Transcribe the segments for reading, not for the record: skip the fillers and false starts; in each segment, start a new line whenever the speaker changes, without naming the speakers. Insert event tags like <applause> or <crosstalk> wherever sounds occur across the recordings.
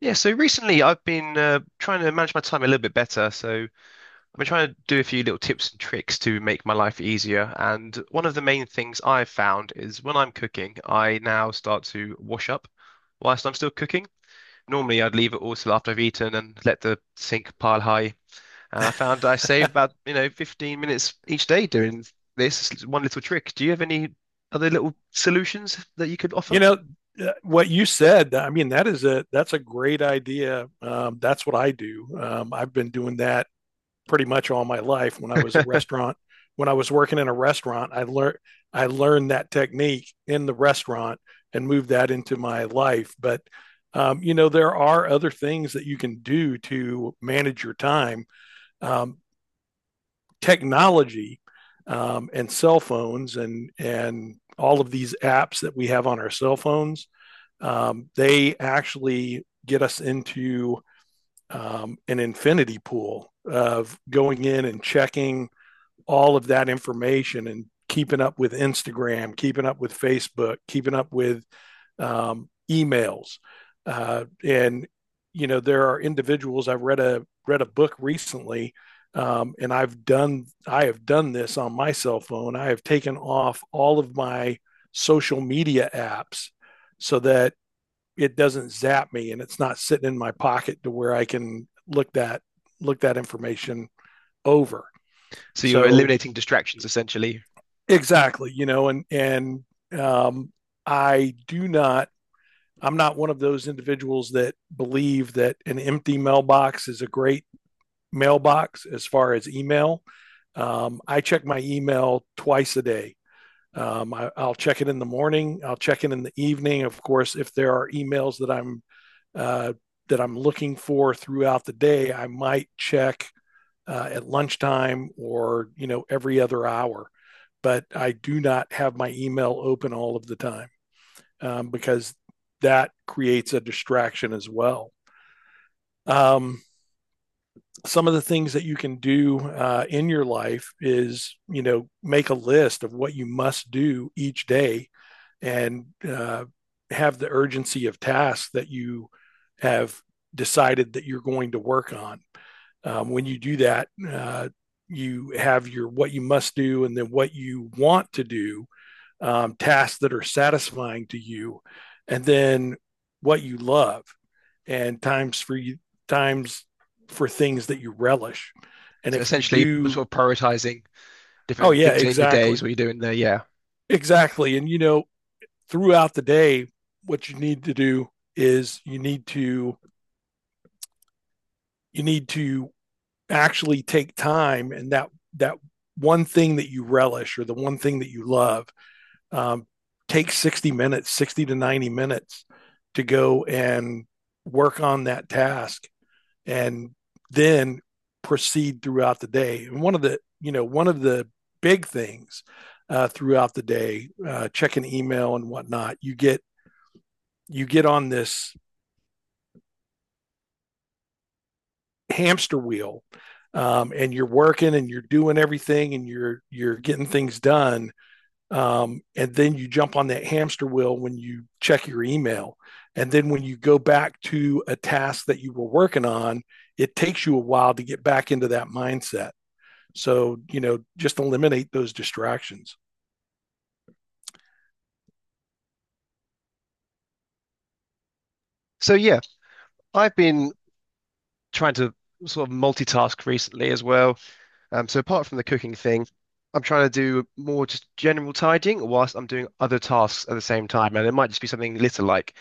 Yeah, so recently I've been trying to manage my time a little bit better. So I've been trying to do a few little tips and tricks to make my life easier. And one of the main things I've found is when I'm cooking, I now start to wash up whilst I'm still cooking. Normally I'd leave it all till after I've eaten and let the sink pile high. And I
<laughs>
found I save about 15 minutes each day doing this. It's one little trick. Do you have any other little solutions that you could offer?
You know, what you said, I mean that is a that's a great idea. That's what I do. I've been doing that pretty much all my life when I was a
<laughs>
restaurant when I was working in a restaurant. I learned that technique in the restaurant and moved that into my life. But you know, there are other things that you can do to manage your time. Um, Technology and cell phones and all of these apps that we have on our cell phones, they actually get us into an infinity pool of going in and checking all of that information and keeping up with Instagram, keeping up with Facebook, keeping up with emails. And you know, there are individuals. I've read a read a book recently, and I have done this on my cell phone. I have taken off all of my social media apps so that it doesn't zap me and it's not sitting in my pocket to where I can look that information over.
So you're
So
eliminating distractions essentially.
exactly, you know, and um, I do not. I'm not one of those individuals that believe that an empty mailbox is a great mailbox as far as email. I check my email twice a day. Will check it in the morning. I'll check it in the evening. Of course, if there are emails uh, that I'm looking for throughout the day, I might check at lunchtime, or you know, every other hour. But I do not have my email open all of the time, because that creates a distraction as well. Um, some of the things that you can do in your life is, you know, make a list of what you must do each day, and have the urgency of tasks that you have decided that you're going to work on. When you do that, you have your what you must do, and then what you want to do, tasks that are satisfying to you, and then what you love, and times for you, times for things that you relish. And
So
if you
essentially,
do,
sort of prioritizing
oh
different
yeah,
things in your days,
exactly,
what you're doing there. Yeah.
exactly. And you know, throughout the day, what you need to do is you need to actually take time. And that one thing that you relish, or the one thing that you love, um, take 60 to 90 minutes to go and work on that task, and then proceed throughout the day. And one of the big things, throughout the day, checking email and whatnot, you get on this hamster wheel. And you're working and you're doing everything, and you're getting things done. And then you jump on that hamster wheel when you check your email, and then when you go back to a task that you were working on, it takes you a while to get back into that mindset. So you know, just eliminate those distractions.
So yeah, I've been trying to sort of multitask recently as well. So apart from the cooking thing, I'm trying to do more just general tidying whilst I'm doing other tasks at the same time. And it might just be something little like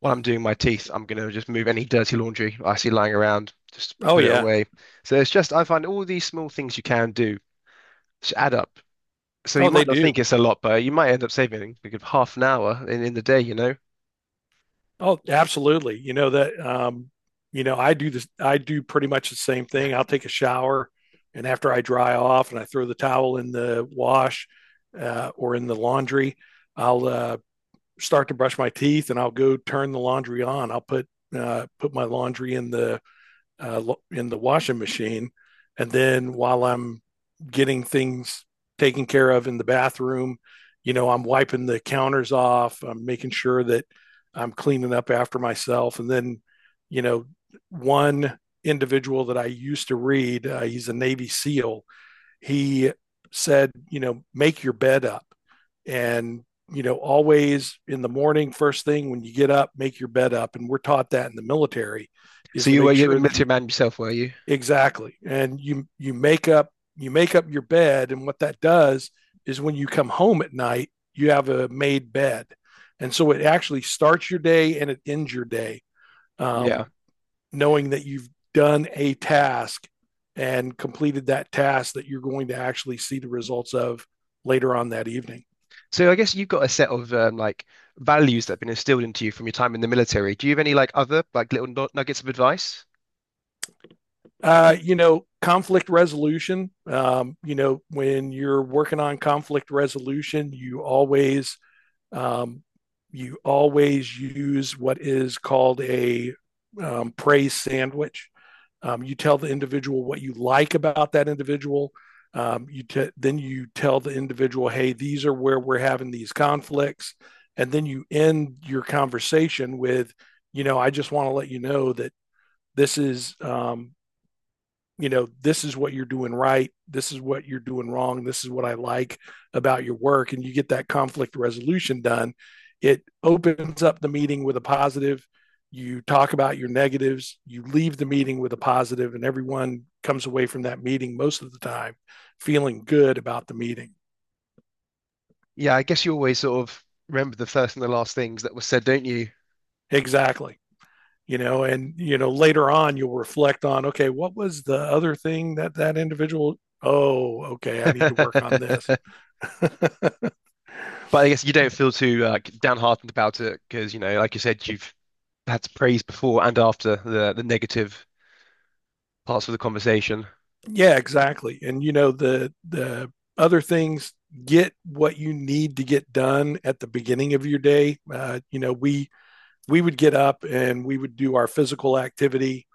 while I'm doing my teeth, I'm going to just move any dirty laundry I see lying around, just
Oh
put it
yeah.
away. So it's just, I find all these small things you can do just add up. So
Oh,
you might
they
not think
do.
it's a lot, but you might end up saving like half an hour in the day, you know?
Oh, absolutely. You know that, you know, I do this. I do pretty much the same thing. I'll take a shower, and after I dry off and I throw the towel in the wash, or in the laundry, I'll start to brush my teeth, and I'll go turn the laundry on. I'll put my laundry in the uh, washing machine. And then while I'm getting things taken care of in the bathroom, you know, I'm wiping the counters off, I'm making sure that I'm cleaning up after myself. And then, you know, one individual that I used to read, he's a Navy SEAL, he said, you know, make your bed up. And you know, always in the morning, first thing when you get up, make your bed up. And we're taught that in the military, is
So
to
you were
make
you a
sure that
military
you—
man yourself, were you?
exactly. And you make up you make up your bed. And what that does is when you come home at night, you have a made bed. And so it actually starts your day, and it ends your day.
Yeah.
Um, Knowing that you've done a task and completed that task, that you're going to actually see the results of later on that evening.
So I guess you've got a set of like values that have been instilled into you from your time in the military. Do you have any like other like little nuggets of advice?
You know, conflict resolution. You know, when you're working on conflict resolution, you always— Um, you always use what is called a praise sandwich. You tell the individual what you like about that individual. Then you tell the individual, "Hey, these are where we're having these conflicts," and then you end your conversation with, "You know, I just want to let you know that this is, you know, this is what you're doing right. This is what you're doing wrong. This is what I like about your work." And you get that conflict resolution done. It opens up the meeting with a positive. You talk about your negatives. You leave the meeting with a positive, and everyone comes away from that meeting most of the time feeling good about the meeting.
Yeah, I guess you always sort of remember the first and the last things that were said, don't you?
Exactly. You know, and you know, later on you'll reflect on, okay, what was the other thing that individual— oh, okay, I need to work on this.
<laughs> But I guess you don't feel too like downhearted about it because you know, like you said, you've had praise before and after the negative parts of the conversation?
Yeah, exactly. And you know, the other things— get what you need to get done at the beginning of your day. You know, we would get up and we would do our physical activity.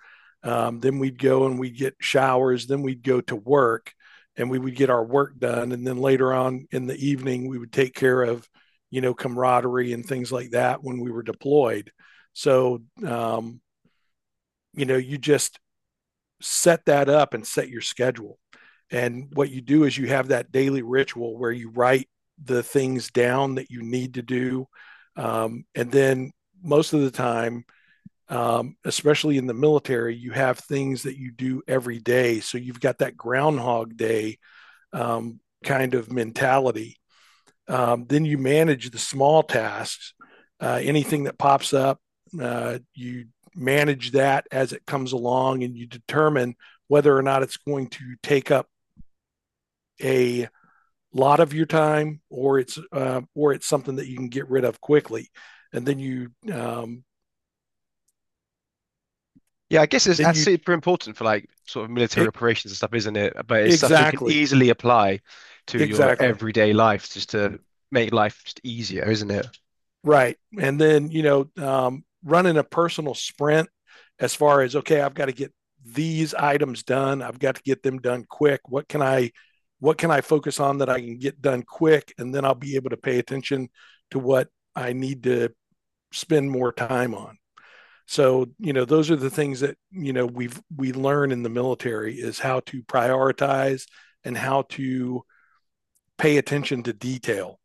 Then we'd go and we'd get showers. Then we'd go to work and we would get our work done. And then later on in the evening, we would take care of, you know, camaraderie and things like that, when we were deployed. So, you know, you just set that up and set your schedule. And what you do is you have that daily ritual where you write the things down that you need to do. And then most of the time, especially in the military, you have things that you do every day. So you've got that Groundhog Day kind of mentality. Then you manage the small tasks, anything that pops up, you manage that as it comes along, and you determine whether or not it's going to take up a lot of your time, or it's something that you can get rid of quickly. And then you,
Yeah, I guess it's
then
that's
you
super important for like sort of military
it,
operations and stuff, isn't it? But it's stuff you can
exactly,
easily apply to your
exactly.
everyday life just to make life just easier, isn't it?
Right. And then, you know, running a personal sprint, as far as, okay, I've got to get these items done. I've got to get them done quick. What can I focus on that I can get done quick? And then I'll be able to pay attention to what I need to spend more time on. So, you know, those are the things that, you know, we learn in the military, is how to prioritize and how to pay attention to detail,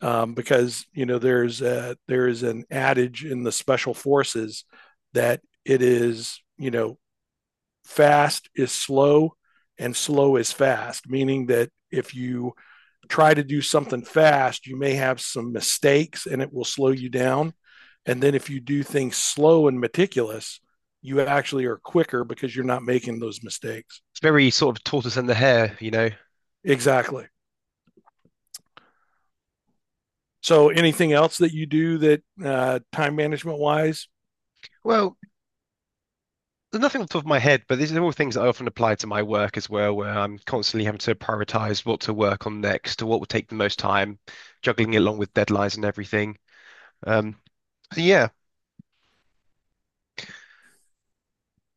because you know there is an adage in the special forces, that it is, you know, fast is slow and slow is fast, meaning that if you try to do something fast, you may have some mistakes and it will slow you down. And then if you do things slow and meticulous, you actually are quicker because you're not making those mistakes.
It's very sort of tortoise and the hare, you know.
Exactly. So anything else that you do that, time management wise?
Well, there's nothing on the top of my head, but these are all things that I often apply to my work as well, where I'm constantly having to prioritize what to work on next, what will take the most time, juggling it along with deadlines and everything. Um, so yeah.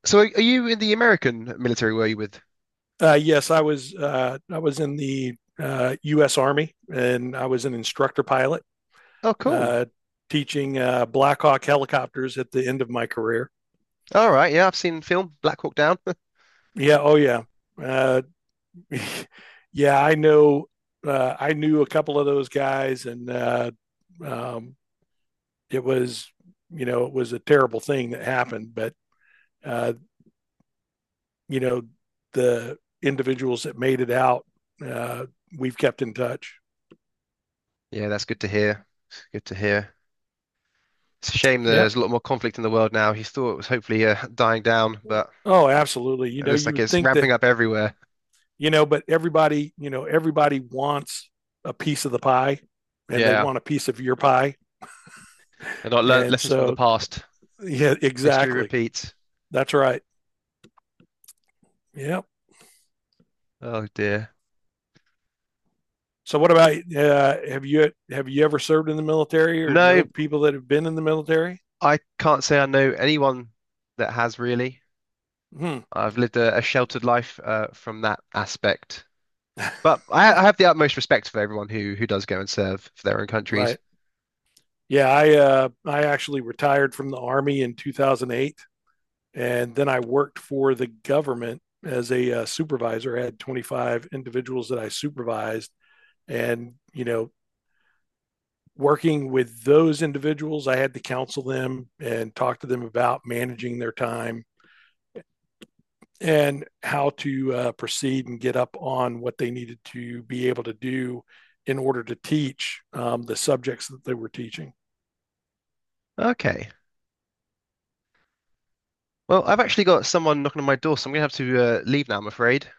So are you in the American military? Were you with?
Yes, I was in the U.S. Army, and I was an instructor pilot,
Oh, cool.
uh, teaching Black Hawk helicopters at the end of my career.
All right. Yeah, I've seen film Black Hawk Down. <laughs>
Yeah, oh yeah, uh, <laughs> yeah. I know. I knew a couple of those guys, and um, it was, you know, it was a terrible thing that happened. But uh, you know, the individuals that made it out, uh, we've kept in touch.
Yeah, that's good to hear. Good to hear. It's a shame
Yeah.
there's a lot more conflict in the world now. You thought it was hopefully dying down, but
Oh, absolutely. You
it
know,
looks
you
like
would
it's
think that,
ramping up everywhere.
you know, but everybody, you know, everybody wants a piece of the pie, and they
Yeah,
want a piece of your pie.
and are not learn
And
lessons from the
so,
past.
yeah,
History
exactly.
repeats.
That's right. Yeah.
Oh dear.
So what about, have you ever served in the military, or
No,
know people that have been in the military?
I can't say I know anyone that has really.
Hmm,
I've lived a sheltered life from that aspect. But I have the utmost respect for everyone who does go and serve for their own countries.
right. Yeah, I actually retired from the army in 2008, and then I worked for the government as a supervisor. I had 25 individuals that I supervised. And you know, working with those individuals, I had to counsel them and talk to them about managing their time, and how to proceed and get up on what they needed to be able to do in order to teach the subjects that they were teaching.
Okay. Well, I've actually got someone knocking on my door, so I'm gonna have to leave now, I'm afraid.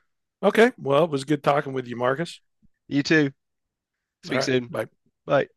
Okay. Well, it was good talking with you, Marcus.
You too.
All
Speak
right.
soon.
Bye.
Bye.